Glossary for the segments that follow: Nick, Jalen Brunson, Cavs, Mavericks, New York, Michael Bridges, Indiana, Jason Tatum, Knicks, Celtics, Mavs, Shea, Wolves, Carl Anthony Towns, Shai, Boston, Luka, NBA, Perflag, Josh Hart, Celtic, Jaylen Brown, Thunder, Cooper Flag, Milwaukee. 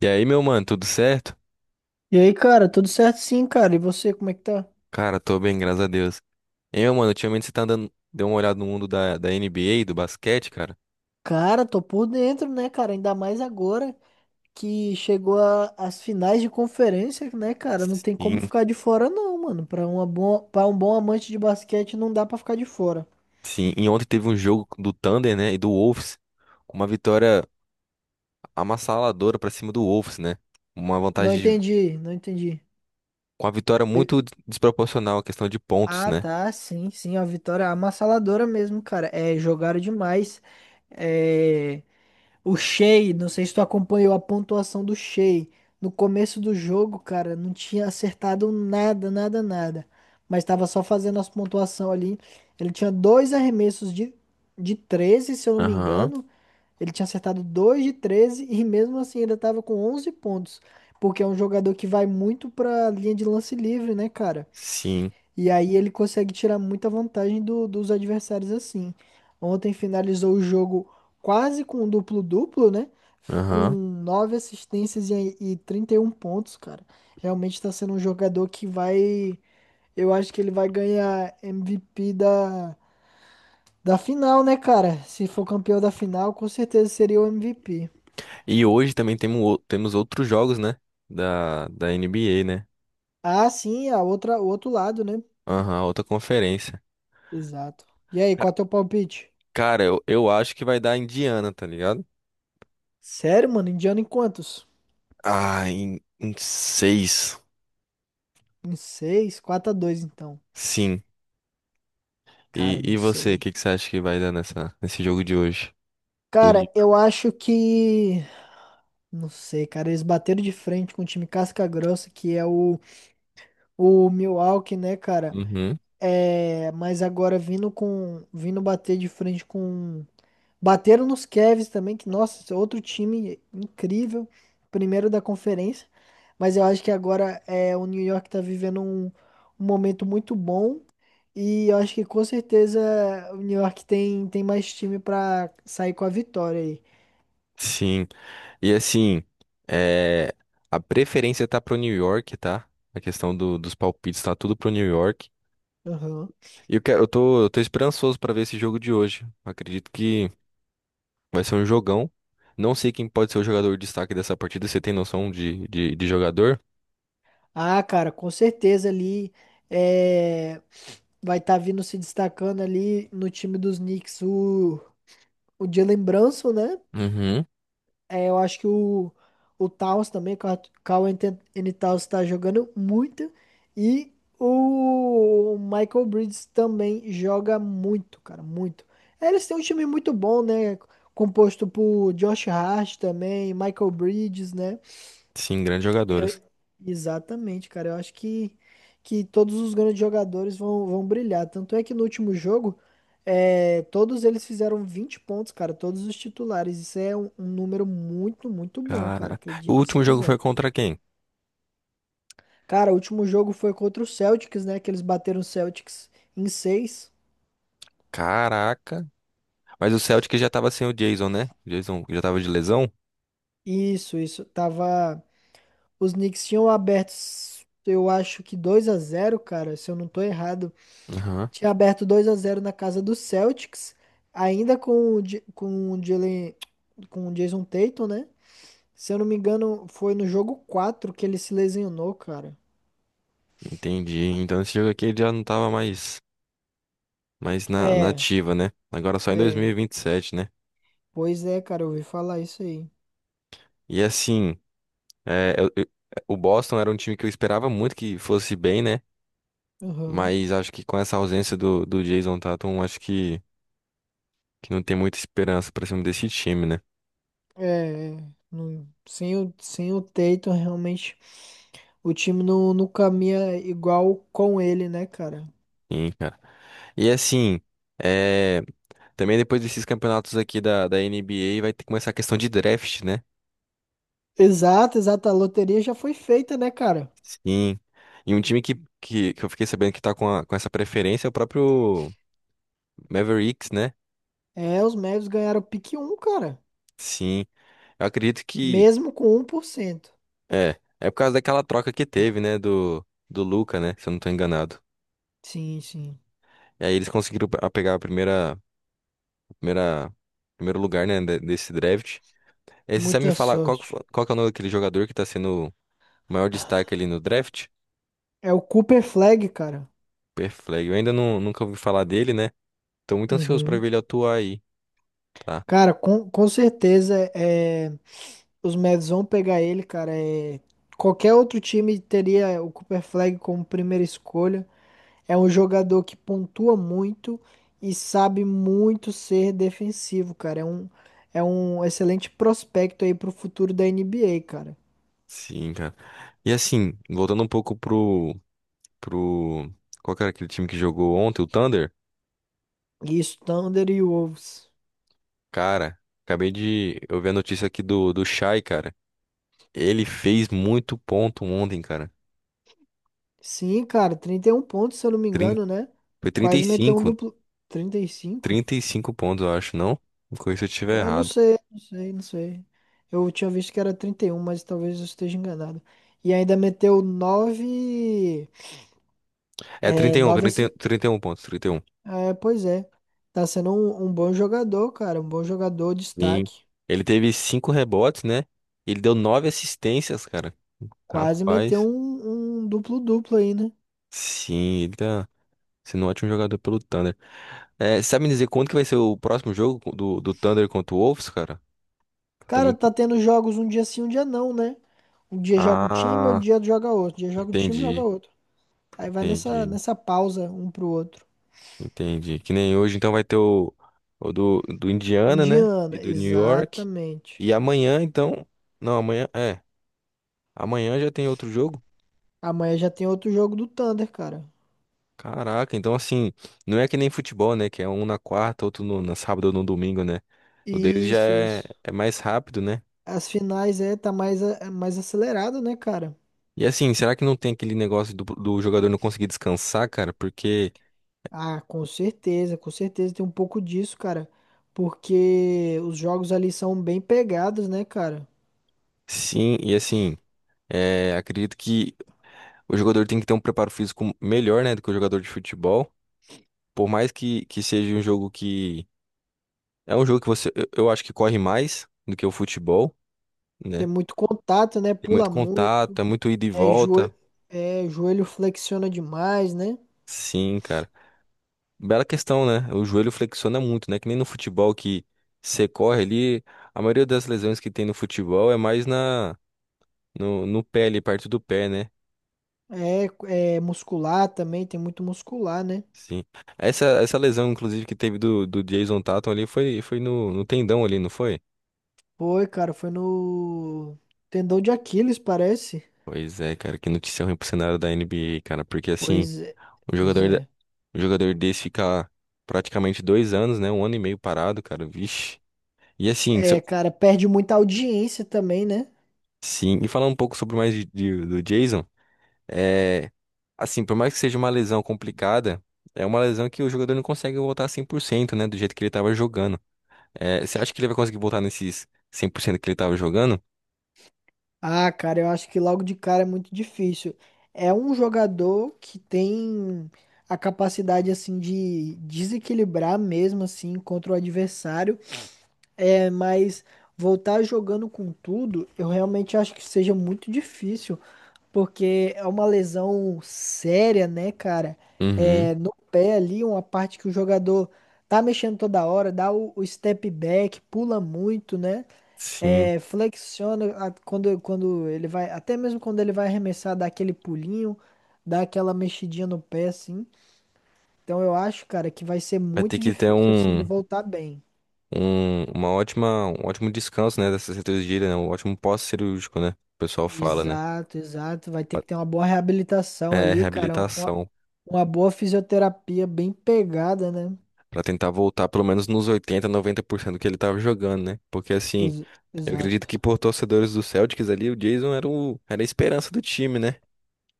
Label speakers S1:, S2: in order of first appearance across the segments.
S1: E aí, meu mano, tudo certo?
S2: E aí, cara, tudo certo sim, cara. E você, como é que tá?
S1: Cara, tô bem, graças a Deus. E aí, meu mano, ultimamente você tá andando, deu uma olhada no mundo da NBA, do basquete, cara?
S2: Cara, tô por dentro, né, cara? Ainda mais agora que chegou as finais de conferência, né, cara? Não tem como
S1: Sim,
S2: ficar de fora, não, mano. Para um bom amante de basquete, não dá pra ficar de fora.
S1: sim. E ontem teve um jogo do Thunder, né, e do Wolves, com uma vitória amassaladora pra cima do Wolves, né? Uma
S2: Não
S1: vantagem,
S2: entendi, não entendi.
S1: com uma vitória muito desproporcional, a questão de pontos,
S2: Ah,
S1: né?
S2: tá, sim, sim, a vitória é avassaladora mesmo, cara. É, jogaram demais. É. O Shea, não sei se tu acompanhou a pontuação do Shea. No começo do jogo, cara, não tinha acertado nada, nada, nada. Mas tava só fazendo as pontuações ali. Ele tinha dois arremessos de 13, se eu não me
S1: Aham,
S2: engano. Ele tinha acertado dois de 13 e mesmo assim ainda tava com 11 pontos. Porque é um jogador que vai muito pra linha de lance livre, né, cara?
S1: sim,
S2: E aí ele consegue tirar muita vantagem dos adversários assim. Ontem finalizou o jogo quase com um duplo-duplo, né? Com
S1: aham.
S2: nove assistências e 31 pontos, cara. Realmente está sendo um jogador que vai. Eu acho que ele vai ganhar MVP da final, né, cara? Se for campeão da final, com certeza seria o MVP.
S1: E hoje também temos outros jogos, né, da NBA, né?
S2: Ah, sim, a outra, o outro lado, né?
S1: Aham, outra conferência.
S2: Exato. E aí, qual é o teu palpite?
S1: Cara, eu acho que vai dar Indiana, tá ligado?
S2: Sério, mano? Indiana em quantos?
S1: Ah, em seis.
S2: Em seis, 4 a 2 então.
S1: Sim.
S2: Cara,
S1: E,
S2: eu
S1: e
S2: não
S1: você, o
S2: sei.
S1: que, que você acha que vai dar nesse jogo de hoje? Do
S2: Cara,
S1: Nick?
S2: eu acho que. Não sei, cara. Eles bateram de frente com o time casca-grossa, que é o Milwaukee, né, cara?
S1: Uhum.
S2: É, mas agora vindo com, vindo bater de frente com, bateram nos Cavs também, que nossa, esse é outro time incrível, primeiro da conferência. Mas eu acho que agora é, o New York tá vivendo um momento muito bom e eu acho que com certeza o New York tem, tem mais time pra sair com a vitória aí.
S1: Sim. E assim, é, a preferência tá pro New York, tá? A questão do- dos palpites tá tudo pro New York.
S2: Aham.
S1: E eu tô esperançoso pra ver esse jogo de hoje. Acredito que vai ser um jogão. Não sei quem pode ser o jogador destaque dessa partida. Você tem noção de jogador?
S2: Ah, cara, com certeza ali é, vai estar vindo se destacando ali no time dos Knicks o Jalen Brunson, né?
S1: Uhum.
S2: É, eu acho que o Towns também, o Carl Anthony Towns tá jogando muito. E o Michael Bridges também joga muito, cara, muito. É, eles têm um time muito bom, né? Composto por Josh Hart também, Michael Bridges, né?
S1: Sim, grandes jogadores.
S2: Eu- Exatamente, cara. Eu acho que todos os grandes jogadores vão brilhar. Tanto é que no último jogo, é, todos eles fizeram 20 pontos, cara. Todos os titulares. Isso é um número muito, muito bom, cara.
S1: Cara, o
S2: Acredite se
S1: último jogo foi
S2: quiser.
S1: contra quem?
S2: Cara, o último jogo foi contra o Celtics, né? Que eles bateram o Celtics em seis.
S1: Caraca. Mas o Celtic já tava sem o Jason, né? O Jason já tava de lesão?
S2: Isso, isso. Tava. Os Knicks tinham abertos, eu acho que 2 a zero, cara. Se eu não tô errado.
S1: Aham.
S2: Tinha aberto 2 a zero na casa do Celtics, ainda com o, com o Jalen, com o Jason Tatum, né? Se eu não me engano, foi no jogo 4 que ele se lesionou, cara.
S1: Entendi. Então esse jogo aqui ele já não tava mais na
S2: É,
S1: ativa, né? Agora só em
S2: é.
S1: 2027, né?
S2: Pois é, cara, eu ouvi falar isso aí.
S1: E assim, é, o Boston era um time que eu esperava muito que fosse bem, né?
S2: Aham.
S1: Mas acho que com essa ausência do Jason Tatum, acho que não tem muita esperança pra cima desse time, né?
S2: É, é. Não, sem o, sem o Tatum, realmente, o time não, não caminha igual com ele, né, cara?
S1: Sim, cara. E assim. é, Também depois desses campeonatos aqui da NBA vai ter que começar a questão de draft, né?
S2: Exato, exato. A loteria já foi feita, né, cara?
S1: Sim. E um time que eu fiquei sabendo que tá com essa preferência é o próprio Mavericks, né?
S2: É, os Mavs ganharam o pick um, cara.
S1: Sim. Eu acredito que
S2: Mesmo com 1%.
S1: é. É por causa daquela troca que teve, né? Do Luka, né? Se eu não tô enganado.
S2: Sim, sim.
S1: E aí eles conseguiram pegar primeira, primeiro lugar, né? Desse draft. E aí, você sabe me
S2: Muita
S1: falar
S2: sorte.
S1: qual que é o nome daquele jogador que tá sendo o maior destaque ali no draft?
S2: É o Cooper Flag, cara.
S1: Perflag. Eu ainda não, nunca ouvi falar dele, né? Tô muito ansioso pra
S2: Uhum.
S1: ver ele atuar aí, tá?
S2: Cara, com certeza é, os Mavs vão pegar ele, cara. É, qualquer outro time teria o Cooper Flag como primeira escolha. É um jogador que pontua muito e sabe muito ser defensivo, cara. É um excelente prospecto aí pro futuro da NBA, cara.
S1: Sim, cara. E assim, voltando um pouco pro, pro. Qual que era aquele time que jogou ontem? O Thunder?
S2: E isso, Thunder e Wolves.
S1: Cara, acabei de. Eu vi a notícia aqui do Shai, cara. Ele fez muito ponto ontem, cara.
S2: Sim, cara, 31 pontos, se eu não me
S1: Trin...
S2: engano, né?
S1: Foi trinta trinta e
S2: Quase meteu um
S1: cinco,
S2: duplo. 35.
S1: 35 pontos, eu acho, não? Me corrija se eu
S2: É,
S1: estiver
S2: eu não
S1: errado.
S2: sei, não sei, não sei. Eu tinha visto que era 31, mas talvez eu esteja enganado. E ainda meteu nove.
S1: É trinta
S2: É,
S1: e um,
S2: 9.
S1: trinta trinta e um pontos, 30 E um.
S2: É, pois é. Tá sendo um bom jogador, cara. Um bom jogador,
S1: Sim.
S2: destaque.
S1: Ele teve 5 rebotes, né? Ele deu 9 assistências, cara.
S2: Quase meteu
S1: Rapaz.
S2: um duplo-duplo aí, né?
S1: Sim, ele tá. Sendo um ótimo jogador pelo Thunder. É, sabe me dizer quando que vai ser o próximo jogo do Thunder contra o Wolves, cara? Tá
S2: Cara,
S1: muito...
S2: tá tendo jogos um dia sim, um dia não, né? Um dia joga um time, outro
S1: Ah,
S2: dia joga outro. Um dia joga um time, joga
S1: entendi,
S2: outro. Aí vai
S1: entendi,
S2: nessa pausa um pro outro.
S1: entendi. Que nem hoje, então vai ter o do Indiana, né? E
S2: Indiana,
S1: do New York.
S2: exatamente.
S1: E amanhã, então. Não, amanhã. É. Amanhã já tem outro jogo?
S2: Amanhã já tem outro jogo do Thunder, cara.
S1: Caraca, então assim, não é que nem futebol, né? Que é um na quarta, outro no, na sábado ou no domingo, né? O dele já
S2: Isso,
S1: é,
S2: isso.
S1: é mais rápido, né?
S2: As finais é, tá mais, é mais acelerado, né, cara?
S1: E assim, será que não tem aquele negócio do jogador não conseguir descansar, cara? Porque
S2: Ah, com certeza tem um pouco disso, cara. Porque os jogos ali são bem pegados, né, cara?
S1: sim, e assim, acredito que o jogador tem que ter um preparo físico melhor, né, do que o jogador de futebol. Por mais que seja um jogo que. É um jogo que você. Eu acho que corre mais do que o futebol,
S2: Tem
S1: né?
S2: muito contato, né?
S1: Tem
S2: Pula
S1: muito contato,
S2: muito.
S1: é muito ida e
S2: É,
S1: volta.
S2: é, joelho flexiona demais, né?
S1: Sim, cara. Bela questão, né? O joelho flexiona muito, né? Que nem no futebol que você corre ali. A maioria das lesões que tem no futebol é mais na No, no pé ali, perto do pé, né?
S2: É, é muscular também, tem muito muscular, né?
S1: Sim. Essa lesão, inclusive, que teve do Jason Tatum ali foi no tendão ali, não foi?
S2: Foi, cara, foi no tendão de Aquiles, parece.
S1: Pois é, cara, que notícia ruim pro cenário da NBA, cara. Porque assim,
S2: Pois é.
S1: um
S2: Pois
S1: jogador,
S2: é.
S1: um jogador desse fica praticamente 2 anos, né? Um ano e meio parado, cara. Vixe. E assim,
S2: É, cara, perde muita audiência também, né?
S1: sim, e falar um pouco sobre mais do Jason, é. Assim, por mais que seja uma lesão complicada, é uma lesão que o jogador não consegue voltar 100%, né? Do jeito que ele tava jogando. É, você acha que ele vai conseguir voltar nesses 100% que ele tava jogando?
S2: Ah, cara, eu acho que logo de cara é muito difícil. É um jogador que tem a capacidade, assim, de desequilibrar mesmo, assim, contra o adversário. É, mas voltar jogando com tudo, eu realmente acho que seja muito difícil. Porque é uma lesão séria, né, cara?
S1: Uhum,
S2: É, no pé ali, uma parte que o jogador tá mexendo toda hora, dá o step back, pula muito, né?
S1: sim.
S2: É, flexiona quando, quando ele vai, até mesmo quando ele vai arremessar, dá aquele pulinho, dá aquela mexidinha no pé, assim. Então eu acho, cara, que vai ser
S1: Vai ter
S2: muito
S1: que ter
S2: difícil, assim, ele voltar bem.
S1: um ótimo descanso, né, dessa cirurgia, né? Um ótimo pós-cirúrgico, né? O pessoal fala, né?
S2: Exato, exato. Vai ter
S1: pra-
S2: que ter uma boa reabilitação
S1: É,
S2: ali, cara.
S1: reabilitação.
S2: Uma boa fisioterapia bem pegada, né?
S1: Pra tentar voltar pelo menos nos 80%, 90% que ele tava jogando, né? Porque assim,
S2: Ex-
S1: eu acredito
S2: exato.
S1: que por torcedores do Celtics ali, o Jason era o, era a esperança do time, né?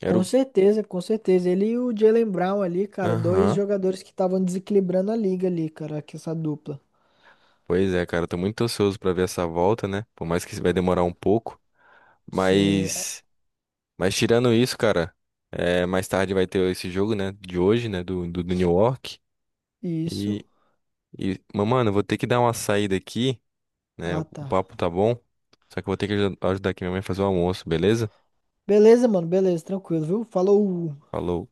S1: Era
S2: Com
S1: o.
S2: certeza, com certeza. Ele e o Jaylen Brown ali, cara, dois
S1: Aham.
S2: jogadores que estavam desequilibrando a liga ali, cara, que essa dupla.
S1: Pois é, cara, eu tô muito ansioso pra ver essa volta, né? Por mais que vai demorar um pouco.
S2: Sim, é,
S1: Mas, mas tirando isso, cara, mais tarde vai ter esse jogo, né, de hoje, né, do New York. E,
S2: isso.
S1: mas, mano, eu vou ter que dar uma saída aqui, né,
S2: Ah,
S1: o
S2: tá.
S1: papo tá bom, só que eu vou ter que ajudar aqui minha mãe a fazer o almoço, beleza?
S2: Beleza, mano, beleza, tranquilo, viu? Falou.
S1: Falou.